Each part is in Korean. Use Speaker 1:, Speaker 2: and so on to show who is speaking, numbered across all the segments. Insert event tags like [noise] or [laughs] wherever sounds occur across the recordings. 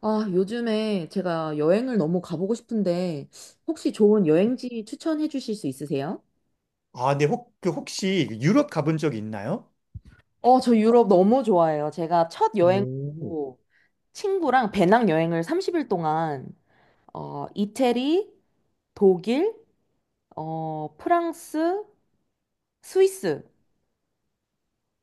Speaker 1: 아, 요즘에 제가 여행을 너무 가보고 싶은데, 혹시 좋은 여행지 추천해 주실 수 있으세요?
Speaker 2: 아, 네, 혹, 그 혹시 유럽 가본 적 있나요?
Speaker 1: 어, 저 유럽 너무 좋아해요. 제가 첫
Speaker 2: 오,
Speaker 1: 여행으로 친구랑 배낭 여행을 30일 동안, 이태리, 독일, 프랑스, 스위스,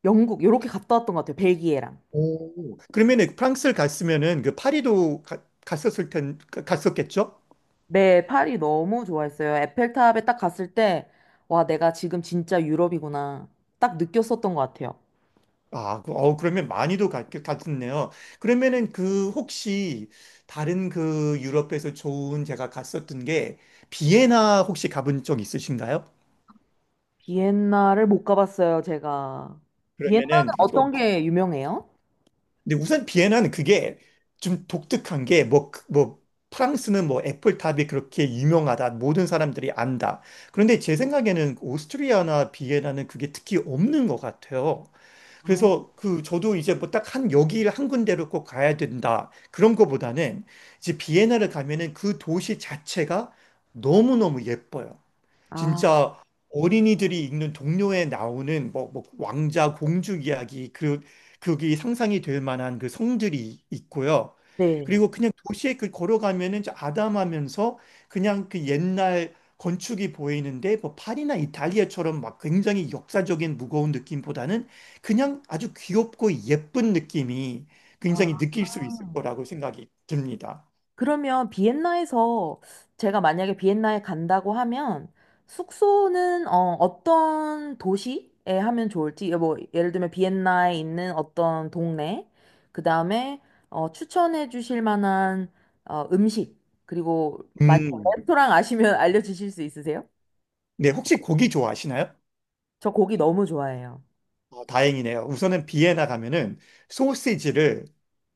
Speaker 1: 영국, 이렇게 갔다 왔던 것 같아요. 벨기에랑.
Speaker 2: 오, 그러면은 프랑스를 갔으면은 그 파리도 갔었을 갔었겠죠?
Speaker 1: 네, 파리 너무 좋아했어요. 에펠탑에 딱 갔을 때, 와, 내가 지금 진짜 유럽이구나. 딱 느꼈었던 것 같아요.
Speaker 2: 아, 그러면 많이도 갔었네요. 그러면은 그 혹시 다른 그 유럽에서 좋은 제가 갔었던 게 비엔나 혹시 가본 적 있으신가요?
Speaker 1: 비엔나를 못 가봤어요, 제가.
Speaker 2: 그러면은
Speaker 1: 비엔나는 어떤 게 유명해요?
Speaker 2: 근데 우선 비엔나는 그게 좀 독특한 게 뭐, 뭐, 프랑스는 뭐 애플탑이 그렇게 유명하다. 모든 사람들이 안다. 그런데 제 생각에는 오스트리아나 비엔나는 그게 특히 없는 것 같아요.
Speaker 1: 아,
Speaker 2: 그래서 그 저도 이제 뭐 딱 한 여기를 한 군데로 꼭 가야 된다. 그런 거보다는 이제 비엔나를 가면은 그 도시 자체가 너무너무 예뻐요.
Speaker 1: 아,
Speaker 2: 진짜 어린이들이 읽는 동료에 나오는 뭐 왕자 공주 이야기 그게 상상이 될 만한 그 성들이 있고요.
Speaker 1: 네.
Speaker 2: 그리고 그냥 도시에 그 걸어가면은 저 아담하면서 그냥 그 옛날 건축이 보이는데 뭐 파리나 이탈리아처럼 막 굉장히 역사적인 무거운 느낌보다는 그냥 아주 귀엽고 예쁜 느낌이 굉장히
Speaker 1: 아,
Speaker 2: 느낄 수 있을 거라고 생각이 듭니다.
Speaker 1: 그러면 비엔나에서 제가 만약에 비엔나에 간다고 하면 숙소는 어떤 도시에 하면 좋을지, 뭐, 예를 들면 비엔나에 있는 어떤 동네, 그 다음에 추천해 주실 만한 음식, 그리고 만약
Speaker 2: 음.
Speaker 1: 레스토랑 아시면 [laughs] 알려주실 수 있으세요?
Speaker 2: 네, 혹시 고기 좋아하시나요?
Speaker 1: 저 고기 너무 좋아해요.
Speaker 2: 어, 다행이네요. 우선은 비엔나 가면은 소시지를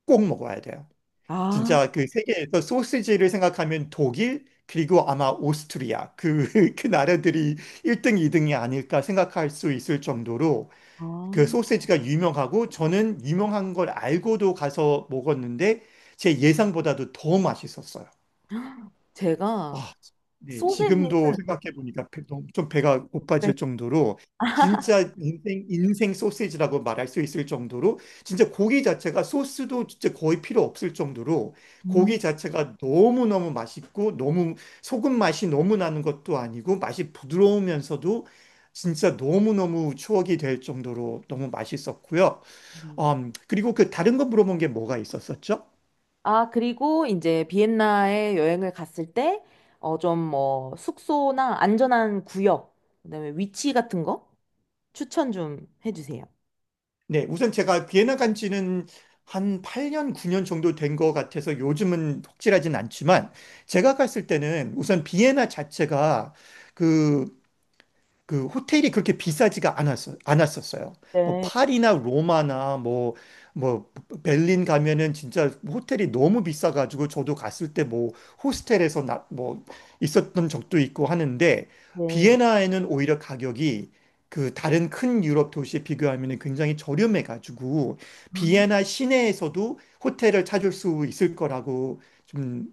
Speaker 2: 꼭 먹어야 돼요.
Speaker 1: 아,
Speaker 2: 진짜 그 세계에서 소시지를 생각하면 독일 그리고 아마 오스트리아 그, [laughs] 그 나라들이 1등, 2등이 아닐까 생각할 수 있을 정도로
Speaker 1: 아.
Speaker 2: 그 소시지가 유명하고 저는 유명한 걸 알고도 가서 먹었는데 제 예상보다도 더 맛있었어요.
Speaker 1: 제가
Speaker 2: 아, 네,
Speaker 1: 소세지를.
Speaker 2: 지금도 생각해보니까 너무 좀 배가 고파질 정도로 진짜 인생 소시지라고 말할 수 있을 정도로 진짜 고기 자체가 소스도 진짜 거의 필요 없을 정도로
Speaker 1: 음.
Speaker 2: 고기 자체가 너무너무 맛있고 너무 소금 맛이 너무 나는 것도 아니고 맛이 부드러우면서도 진짜 너무너무 추억이 될 정도로 너무 맛있었고요.
Speaker 1: 음.
Speaker 2: 그리고 그 다른 거 물어본 게 뭐가 있었었죠?
Speaker 1: 아, 그리고 이제 비엔나에 여행을 갔을 때, 좀 뭐, 숙소나 안전한 구역, 그다음에 위치 같은 거 추천 좀 해주세요.
Speaker 2: 네, 우선 제가 비엔나 간 지는 한 8년, 9년 정도 된 것 같아서 요즘은 혹질하진 않지만 제가 갔을 때는 우선 비엔나 자체가 그 그 호텔이 그렇게 비싸지가 않았었어요. 뭐
Speaker 1: 네,
Speaker 2: 파리나 로마나 뭐, 뭐 베를린 가면은 진짜 호텔이 너무 비싸가지고 저도 갔을 때 뭐 호스텔에서 뭐 있었던 적도 있고 하는데
Speaker 1: 네.
Speaker 2: 비엔나에는 오히려 가격이 그 다른 큰 유럽 도시에 비교하면 굉장히 저렴해가지고
Speaker 1: 아,
Speaker 2: 비엔나 시내에서도 호텔을 찾을 수 있을 거라고 좀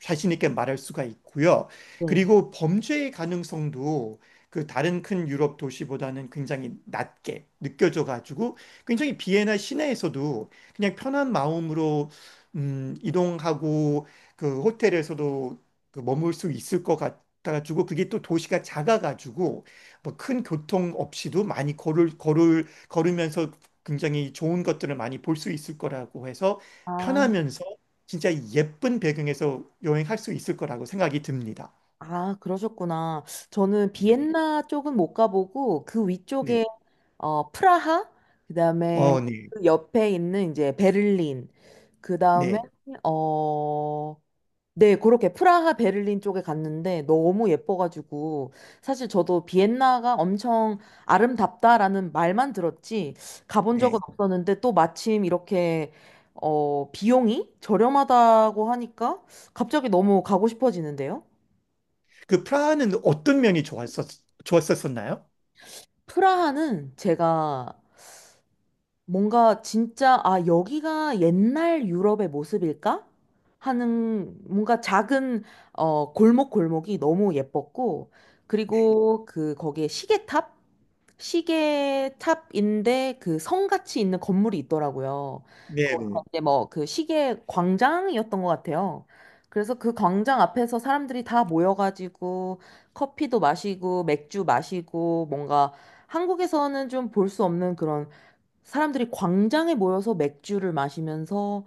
Speaker 2: 자신 있게 말할 수가 있고요.
Speaker 1: 네.
Speaker 2: 그리고 범죄의 가능성도 그 다른 큰 유럽 도시보다는 굉장히 낮게 느껴져 가지고 굉장히 비엔나 시내에서도 그냥 편한 마음으로 이동하고 그 호텔에서도 그 머물 수 있을 것 같아가지고 그게 또 도시가 작아가지고 뭐 큰 교통 없이도 많이 걸을 걸을 걸으면서 굉장히 좋은 것들을 많이 볼 수 있을 거라고 해서
Speaker 1: 아,
Speaker 2: 편하면서 진짜 예쁜 배경에서 여행할 수 있을 거라고 생각이 듭니다.
Speaker 1: 아, 그러셨구나. 저는. 네.
Speaker 2: 네.
Speaker 1: 비엔나 쪽은 못 가보고 그
Speaker 2: 네.
Speaker 1: 위쪽에 프라하, 그다음에
Speaker 2: 어, 네.
Speaker 1: 그 옆에 있는 이제 베를린, 그다음에
Speaker 2: 네.
Speaker 1: 어, 네, 그렇게 프라하, 베를린 쪽에 갔는데 너무 예뻐가지고 사실 저도 비엔나가 엄청 아름답다라는 말만 들었지 가본 적은
Speaker 2: 네.
Speaker 1: 없었는데 또 마침 이렇게 비용이 저렴하다고 하니까 갑자기 너무 가고 싶어지는데요.
Speaker 2: 그 프라하는 어떤 면이 좋았었나요?
Speaker 1: 프라하는 제가 뭔가 진짜, 아, 여기가 옛날 유럽의 모습일까 하는 뭔가 작은, 골목골목이 너무 예뻤고,
Speaker 2: 네.
Speaker 1: 그리고 그, 거기에 시계탑? 시계탑인데 그 성같이 있는 건물이 있더라고요. 거기가
Speaker 2: 네네.
Speaker 1: 이제 뭐 그 시계 광장이었던 것 같아요. 그래서 그 광장 앞에서 사람들이 다 모여가지고 커피도 마시고 맥주 마시고 뭔가 한국에서는 좀 볼 수 없는 그런, 사람들이 광장에 모여서 맥주를 마시면서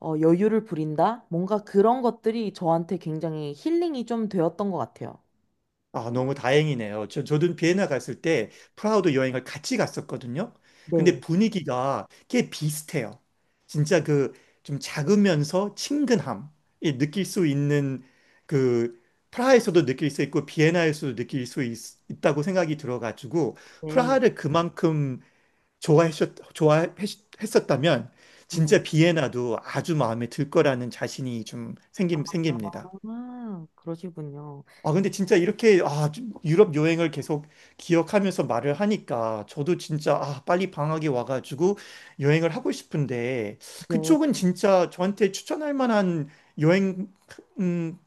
Speaker 1: 여유를 부린다? 뭔가 그런 것들이 저한테 굉장히 힐링이 좀 되었던 것 같아요.
Speaker 2: 아, 너무 다행이네요. 저도 비엔나 갔을 때 프라하도 여행을 같이 갔었거든요. 근데
Speaker 1: 네,
Speaker 2: 분위기가 꽤 비슷해요. 진짜 그 좀 작으면서 친근함이 느낄 수 있는 그 프라하에서도 느낄 수 있고 비엔나에서도 있다고 생각이 들어가지고
Speaker 1: 네,
Speaker 2: 프라하를 그만큼 좋아했었다면
Speaker 1: 네.
Speaker 2: 진짜 비엔나도 아주 마음에 들 거라는 자신이 좀 생깁니다.
Speaker 1: 아, 그러시군요.
Speaker 2: 아, 근데 진짜 이렇게 아, 좀 유럽 여행을 계속 기억하면서 말을 하니까 저도 진짜 아, 빨리 방학이 와가지고 여행을 하고 싶은데
Speaker 1: 네.
Speaker 2: 그쪽은 진짜 저한테 추천할 만한 여행 음,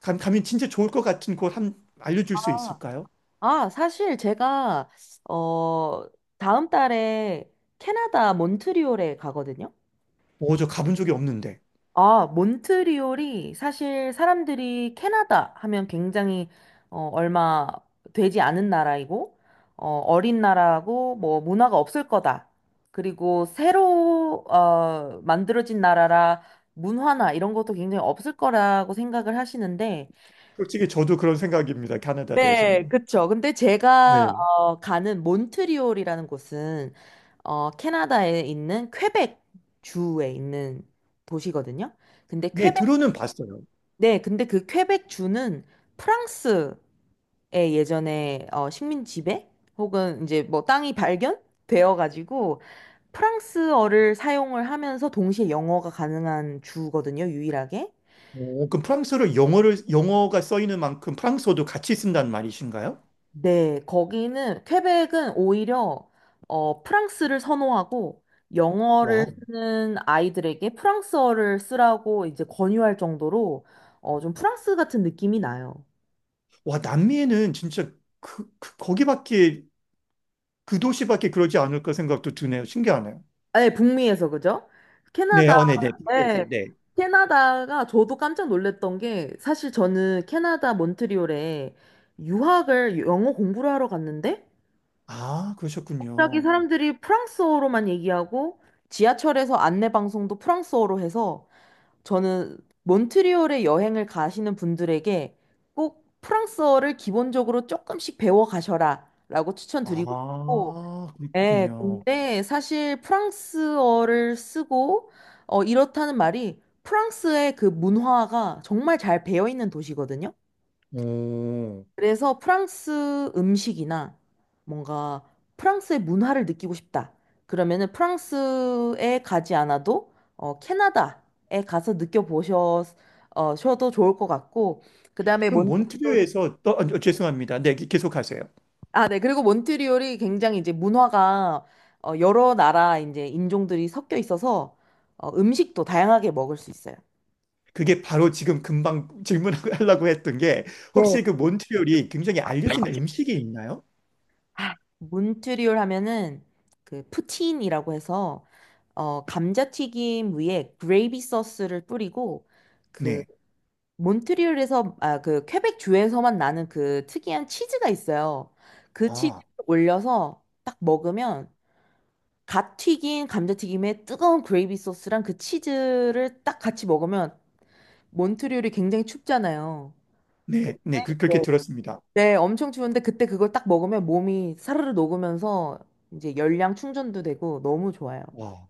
Speaker 2: 가면 진짜 좋을 것 같은 곳 한 알려줄 수 있을까요?
Speaker 1: 아, 사실 제가, 어, 다음 달에 캐나다 몬트리올에 가거든요.
Speaker 2: 오, 저 가본 적이 없는데.
Speaker 1: 아, 몬트리올이 사실 사람들이 캐나다 하면 굉장히 얼마 되지 않은 나라이고 어린 나라고 뭐 문화가 없을 거다. 그리고 새로 만들어진 나라라 문화나 이런 것도 굉장히 없을 거라고 생각을 하시는데.
Speaker 2: 솔직히 저도 그런 생각입니다. 캐나다
Speaker 1: 네,
Speaker 2: 대해서는.
Speaker 1: 그쵸. 근데 제가
Speaker 2: 네.
Speaker 1: 가는 몬트리올이라는 곳은 캐나다에 있는 퀘벡 주에 있는 도시거든요. 근데.
Speaker 2: 네, 들어는 봤어요.
Speaker 1: 네, 근데 그 퀘벡 주는 프랑스의 예전에 식민 지배 혹은 이제 뭐 땅이 발견되어 가지고 프랑스어를 사용을 하면서 동시에 영어가 가능한 주거든요, 유일하게.
Speaker 2: 오, 그럼 프랑스어를 영어가 써 있는 만큼 프랑스어도 같이 쓴다는 말이신가요?
Speaker 1: 네, 거기는 퀘벡은 오히려 프랑스를 선호하고
Speaker 2: 와,
Speaker 1: 영어를 쓰는 아이들에게 프랑스어를 쓰라고 이제 권유할 정도로 좀 프랑스 같은 느낌이 나요.
Speaker 2: 와, 남미에는 진짜 그, 그- 거기밖에, 그 도시밖에 그러지 않을까 생각도 드네요. 신기하네요.
Speaker 1: 아, 네, 북미에서. 그죠?
Speaker 2: 네,
Speaker 1: 캐나다.
Speaker 2: 어, 네, 네. 북미에서,
Speaker 1: 네.
Speaker 2: 네.
Speaker 1: 캐나다가 저도 깜짝 놀랐던 게 사실 저는 캐나다 몬트리올에 유학을, 영어 공부를 하러 갔는데
Speaker 2: 아,
Speaker 1: 갑자기
Speaker 2: 그러셨군요.
Speaker 1: 사람들이 프랑스어로만 얘기하고 지하철에서 안내 방송도 프랑스어로 해서, 저는 몬트리올에 여행을 가시는 분들에게 꼭 프랑스어를 기본적으로 조금씩 배워 가셔라 라고 추천드리고 싶고.
Speaker 2: 아,
Speaker 1: 네,
Speaker 2: 그렇군요.
Speaker 1: 근데 사실 프랑스어를 쓰고 이렇다는 말이 프랑스의 그 문화가 정말 잘 배어 있는 도시거든요.
Speaker 2: 오.
Speaker 1: 그래서 프랑스 음식이나 뭔가 프랑스의 문화를 느끼고 싶다, 그러면은 프랑스에 가지 않아도 캐나다에 가서 느껴보셔도 좋을 것 같고, 그 다음에
Speaker 2: 그럼
Speaker 1: 몬테피오르.
Speaker 2: 몬트리올에서, 또, 아, 죄송합니다. 네, 계속 하세요.
Speaker 1: 아, 네. 그리고 몬트리올이 굉장히 이제 문화가 여러 나라 이제 인종들이 섞여 있어서 음식도 다양하게 먹을 수 있어요.
Speaker 2: 그게 바로 지금 금방 질문하려고 [laughs] 했던 게,
Speaker 1: 네.
Speaker 2: 혹시 그 몬트리올이 굉장히 알려진 음식이 있나요?
Speaker 1: 몬트리올 하면은 그 푸틴이라고 해서 감자튀김 위에 그레이비 소스를 뿌리고 그
Speaker 2: 네.
Speaker 1: 몬트리올에서, 아, 그 퀘벡 주에서만 나는 그 특이한 치즈가 있어요. 그 치즈
Speaker 2: 아.
Speaker 1: 올려서 딱 먹으면, 갓 튀긴 감자튀김에 뜨거운 그레이비 소스랑 그 치즈를 딱 같이 먹으면, 몬트리올이 굉장히 춥잖아요. 그-
Speaker 2: 네, 네,
Speaker 1: 네,
Speaker 2: 그렇게 들었습니다.
Speaker 1: 네, 엄청 추운데 그때 그걸 딱 먹으면 몸이 사르르 녹으면서 이제 열량 충전도 되고 너무 좋아요.
Speaker 2: 와,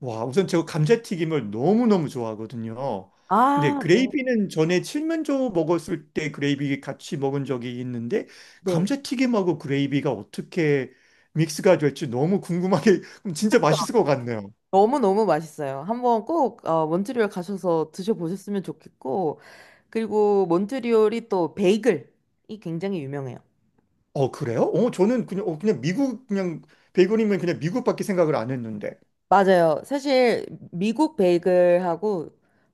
Speaker 2: 와, 우선 저 감자튀김을 너무너무 좋아하거든요. 근데
Speaker 1: 아,
Speaker 2: 그레이비는 전에 칠면조 먹었을 때 그레이비 같이 먹은 적이 있는데
Speaker 1: 네.
Speaker 2: 감자튀김하고 그레이비가 어떻게 믹스가 될지 너무 궁금하게 [laughs] 진짜
Speaker 1: 그쵸.
Speaker 2: 맛있을 것 같네요.
Speaker 1: 너무너무 맛있어요. 한번 꼭 몬트리올 가셔서 드셔보셨으면 좋겠고, 그리고 몬트리올이 또 베이글이 굉장히 유명해요.
Speaker 2: 어, 그래요? 어, 저는 그냥 그냥 미국 그냥 베이컨이면 그냥 미국밖에 생각을 안 했는데.
Speaker 1: 맞아요. 사실 미국 베이글하고,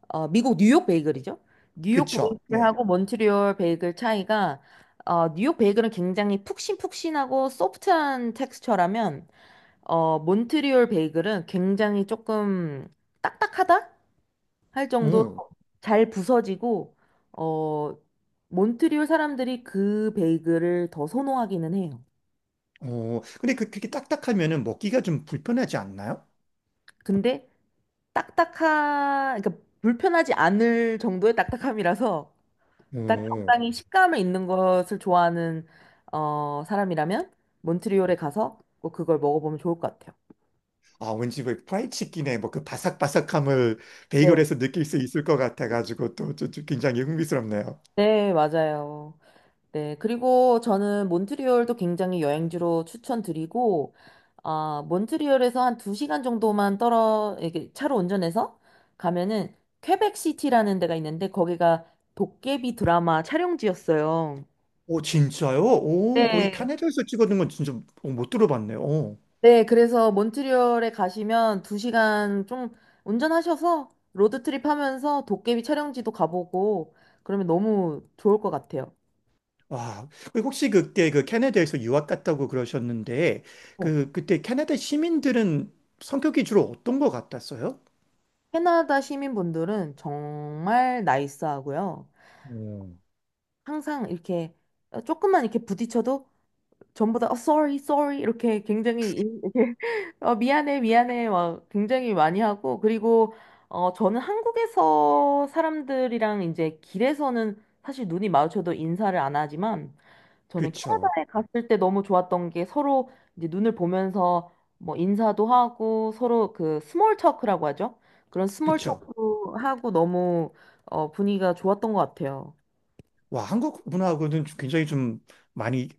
Speaker 1: 미국 뉴욕 베이글이죠. 뉴욕
Speaker 2: 그쵸? 네.
Speaker 1: 베이글하고 몬트리올 베이글 차이가, 뉴욕 베이글은 굉장히 푹신푹신하고 소프트한 텍스처라면 몬트리올 베이글은 굉장히 조금 딱딱하다 할 정도로
Speaker 2: 음.
Speaker 1: 잘 부서지고, 어, 몬트리올 사람들이 그 베이글을 더 선호하기는 해요.
Speaker 2: 어, 근데 그렇게 딱딱하면은 먹기가 좀 불편하지 않나요?
Speaker 1: 근데 딱딱하 그러니까 불편하지 않을 정도의 딱딱함이라서 딱
Speaker 2: 오.
Speaker 1: 적당히 식감이 있는 것을 좋아하는 사람이라면 몬트리올에 가서 꼭 그걸 먹어보면 좋을 것 같아요.
Speaker 2: 아, 왠지 왜 프라이치킨의 뭐 그 바삭바삭함을
Speaker 1: 네.
Speaker 2: 베이글에서 느낄 수 있을 것 같아가지고 또 굉장히 흥미스럽네요.
Speaker 1: 네, 맞아요. 네, 그리고 저는 몬트리올도 굉장히 여행지로 추천드리고, 아, 몬트리올에서 한 두시간 정도만 이렇게 차로 운전해서 가면은 퀘벡시티라는 데가 있는데 거기가 도깨비 드라마 촬영지였어요.
Speaker 2: 오, 진짜요? 오, 거기
Speaker 1: 네.
Speaker 2: 캐나다에서 찍어둔 건 진짜 어, 못 들어봤네요. 오.
Speaker 1: 네, 그래서 몬트리올에 가시면 두시간좀 운전하셔서 로드트립 하면서 도깨비 촬영지도 가보고 그러면 너무 좋을 것 같아요.
Speaker 2: 와, 그 혹시 그때 그 캐나다에서 유학 갔다고 그러셨는데
Speaker 1: 어.
Speaker 2: 그때 캐나다 시민들은 성격이 주로 어떤 것 같았어요?
Speaker 1: 캐나다 시민분들은 정말 나이스하고요.
Speaker 2: 음.
Speaker 1: 항상 이렇게 조금만 이렇게 부딪혀도 전부 다 sorry, sorry 이렇게 굉장히 [laughs] 미안해, 미안해 막 굉장히 많이 하고, 그리고, 저는 한국에서 사람들이랑 이제 길에서는 사실 눈이 마주쳐도 인사를 안 하지만, 저는
Speaker 2: 그쵸,
Speaker 1: 캐나다에 갔을 때 너무 좋았던 게, 서로 이제 눈을 보면서 뭐 인사도 하고, 서로 그 스몰 토크라고 하죠? 그런 스몰
Speaker 2: 그쵸.
Speaker 1: 토크 하고 너무 분위기가 좋았던 것 같아요.
Speaker 2: 와, 한국 문화하고는 좀 굉장히 좀 많이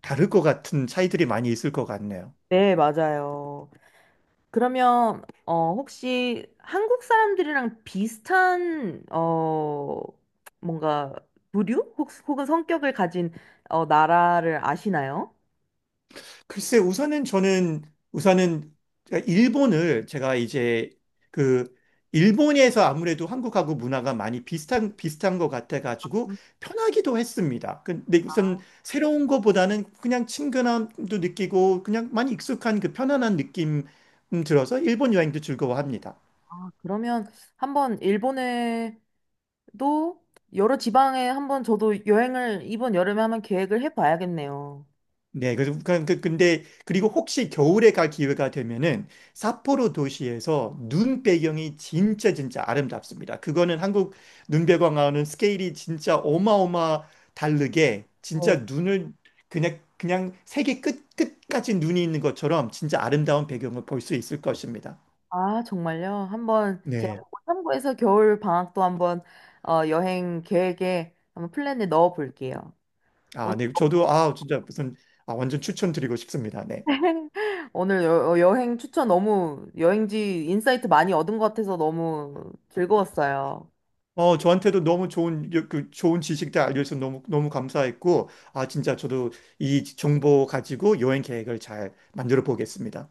Speaker 2: 다를 것 같은 차이들이 많이 있을 것 같네요.
Speaker 1: 네, 맞아요. 그러면 혹시 한국 사람들이랑 비슷한 뭔가 부류 혹은 성격을 가진 나라를 아시나요?
Speaker 2: 글쎄, 우선은 저는, 우선은, 일본을 제가 이제 그, 일본에서 아무래도 한국하고 문화가 많이 비슷한 것 같아가지고 편하기도 했습니다. 근데 우선 새로운 것보다는 그냥 친근함도 느끼고 그냥 많이 익숙한 그 편안한 느낌 들어서 일본 여행도 즐거워합니다.
Speaker 1: 아, 그러면 한번 일본에도 여러 지방에 한번 저도 여행을 이번 여름에 한번 계획을 해봐야겠네요.
Speaker 2: 네, 그래서 근데 그리고 혹시 겨울에 갈 기회가 되면은 삿포로 도시에서 눈 배경이 진짜 진짜 아름답습니다. 그거는 한국 눈 배경하고는 스케일이 진짜 어마어마 다르게 진짜
Speaker 1: 어,
Speaker 2: 눈을 그냥 세계 끝 끝까지 눈이 있는 것처럼 진짜 아름다운 배경을 볼 수 있을 것입니다.
Speaker 1: 아, 정말요? 한번 제가
Speaker 2: 네.
Speaker 1: 그거 참고해서 겨울 방학도 한번 여행 계획에 한번 플랜에 넣어 볼게요.
Speaker 2: 아, 네. 저도 아, 진짜 무슨 아, 완전 추천드리고 싶습니다. 네.
Speaker 1: [laughs] 오늘 여행 추천 너무, 여행지 인사이트 많이 얻은 것 같아서 너무 즐거웠어요.
Speaker 2: 어, 저한테도 너무 좋은, 좋은 지식들 알려줘서 너무 감사했고, 아, 진짜 저도 이 정보 가지고 여행 계획을 잘 만들어 보겠습니다.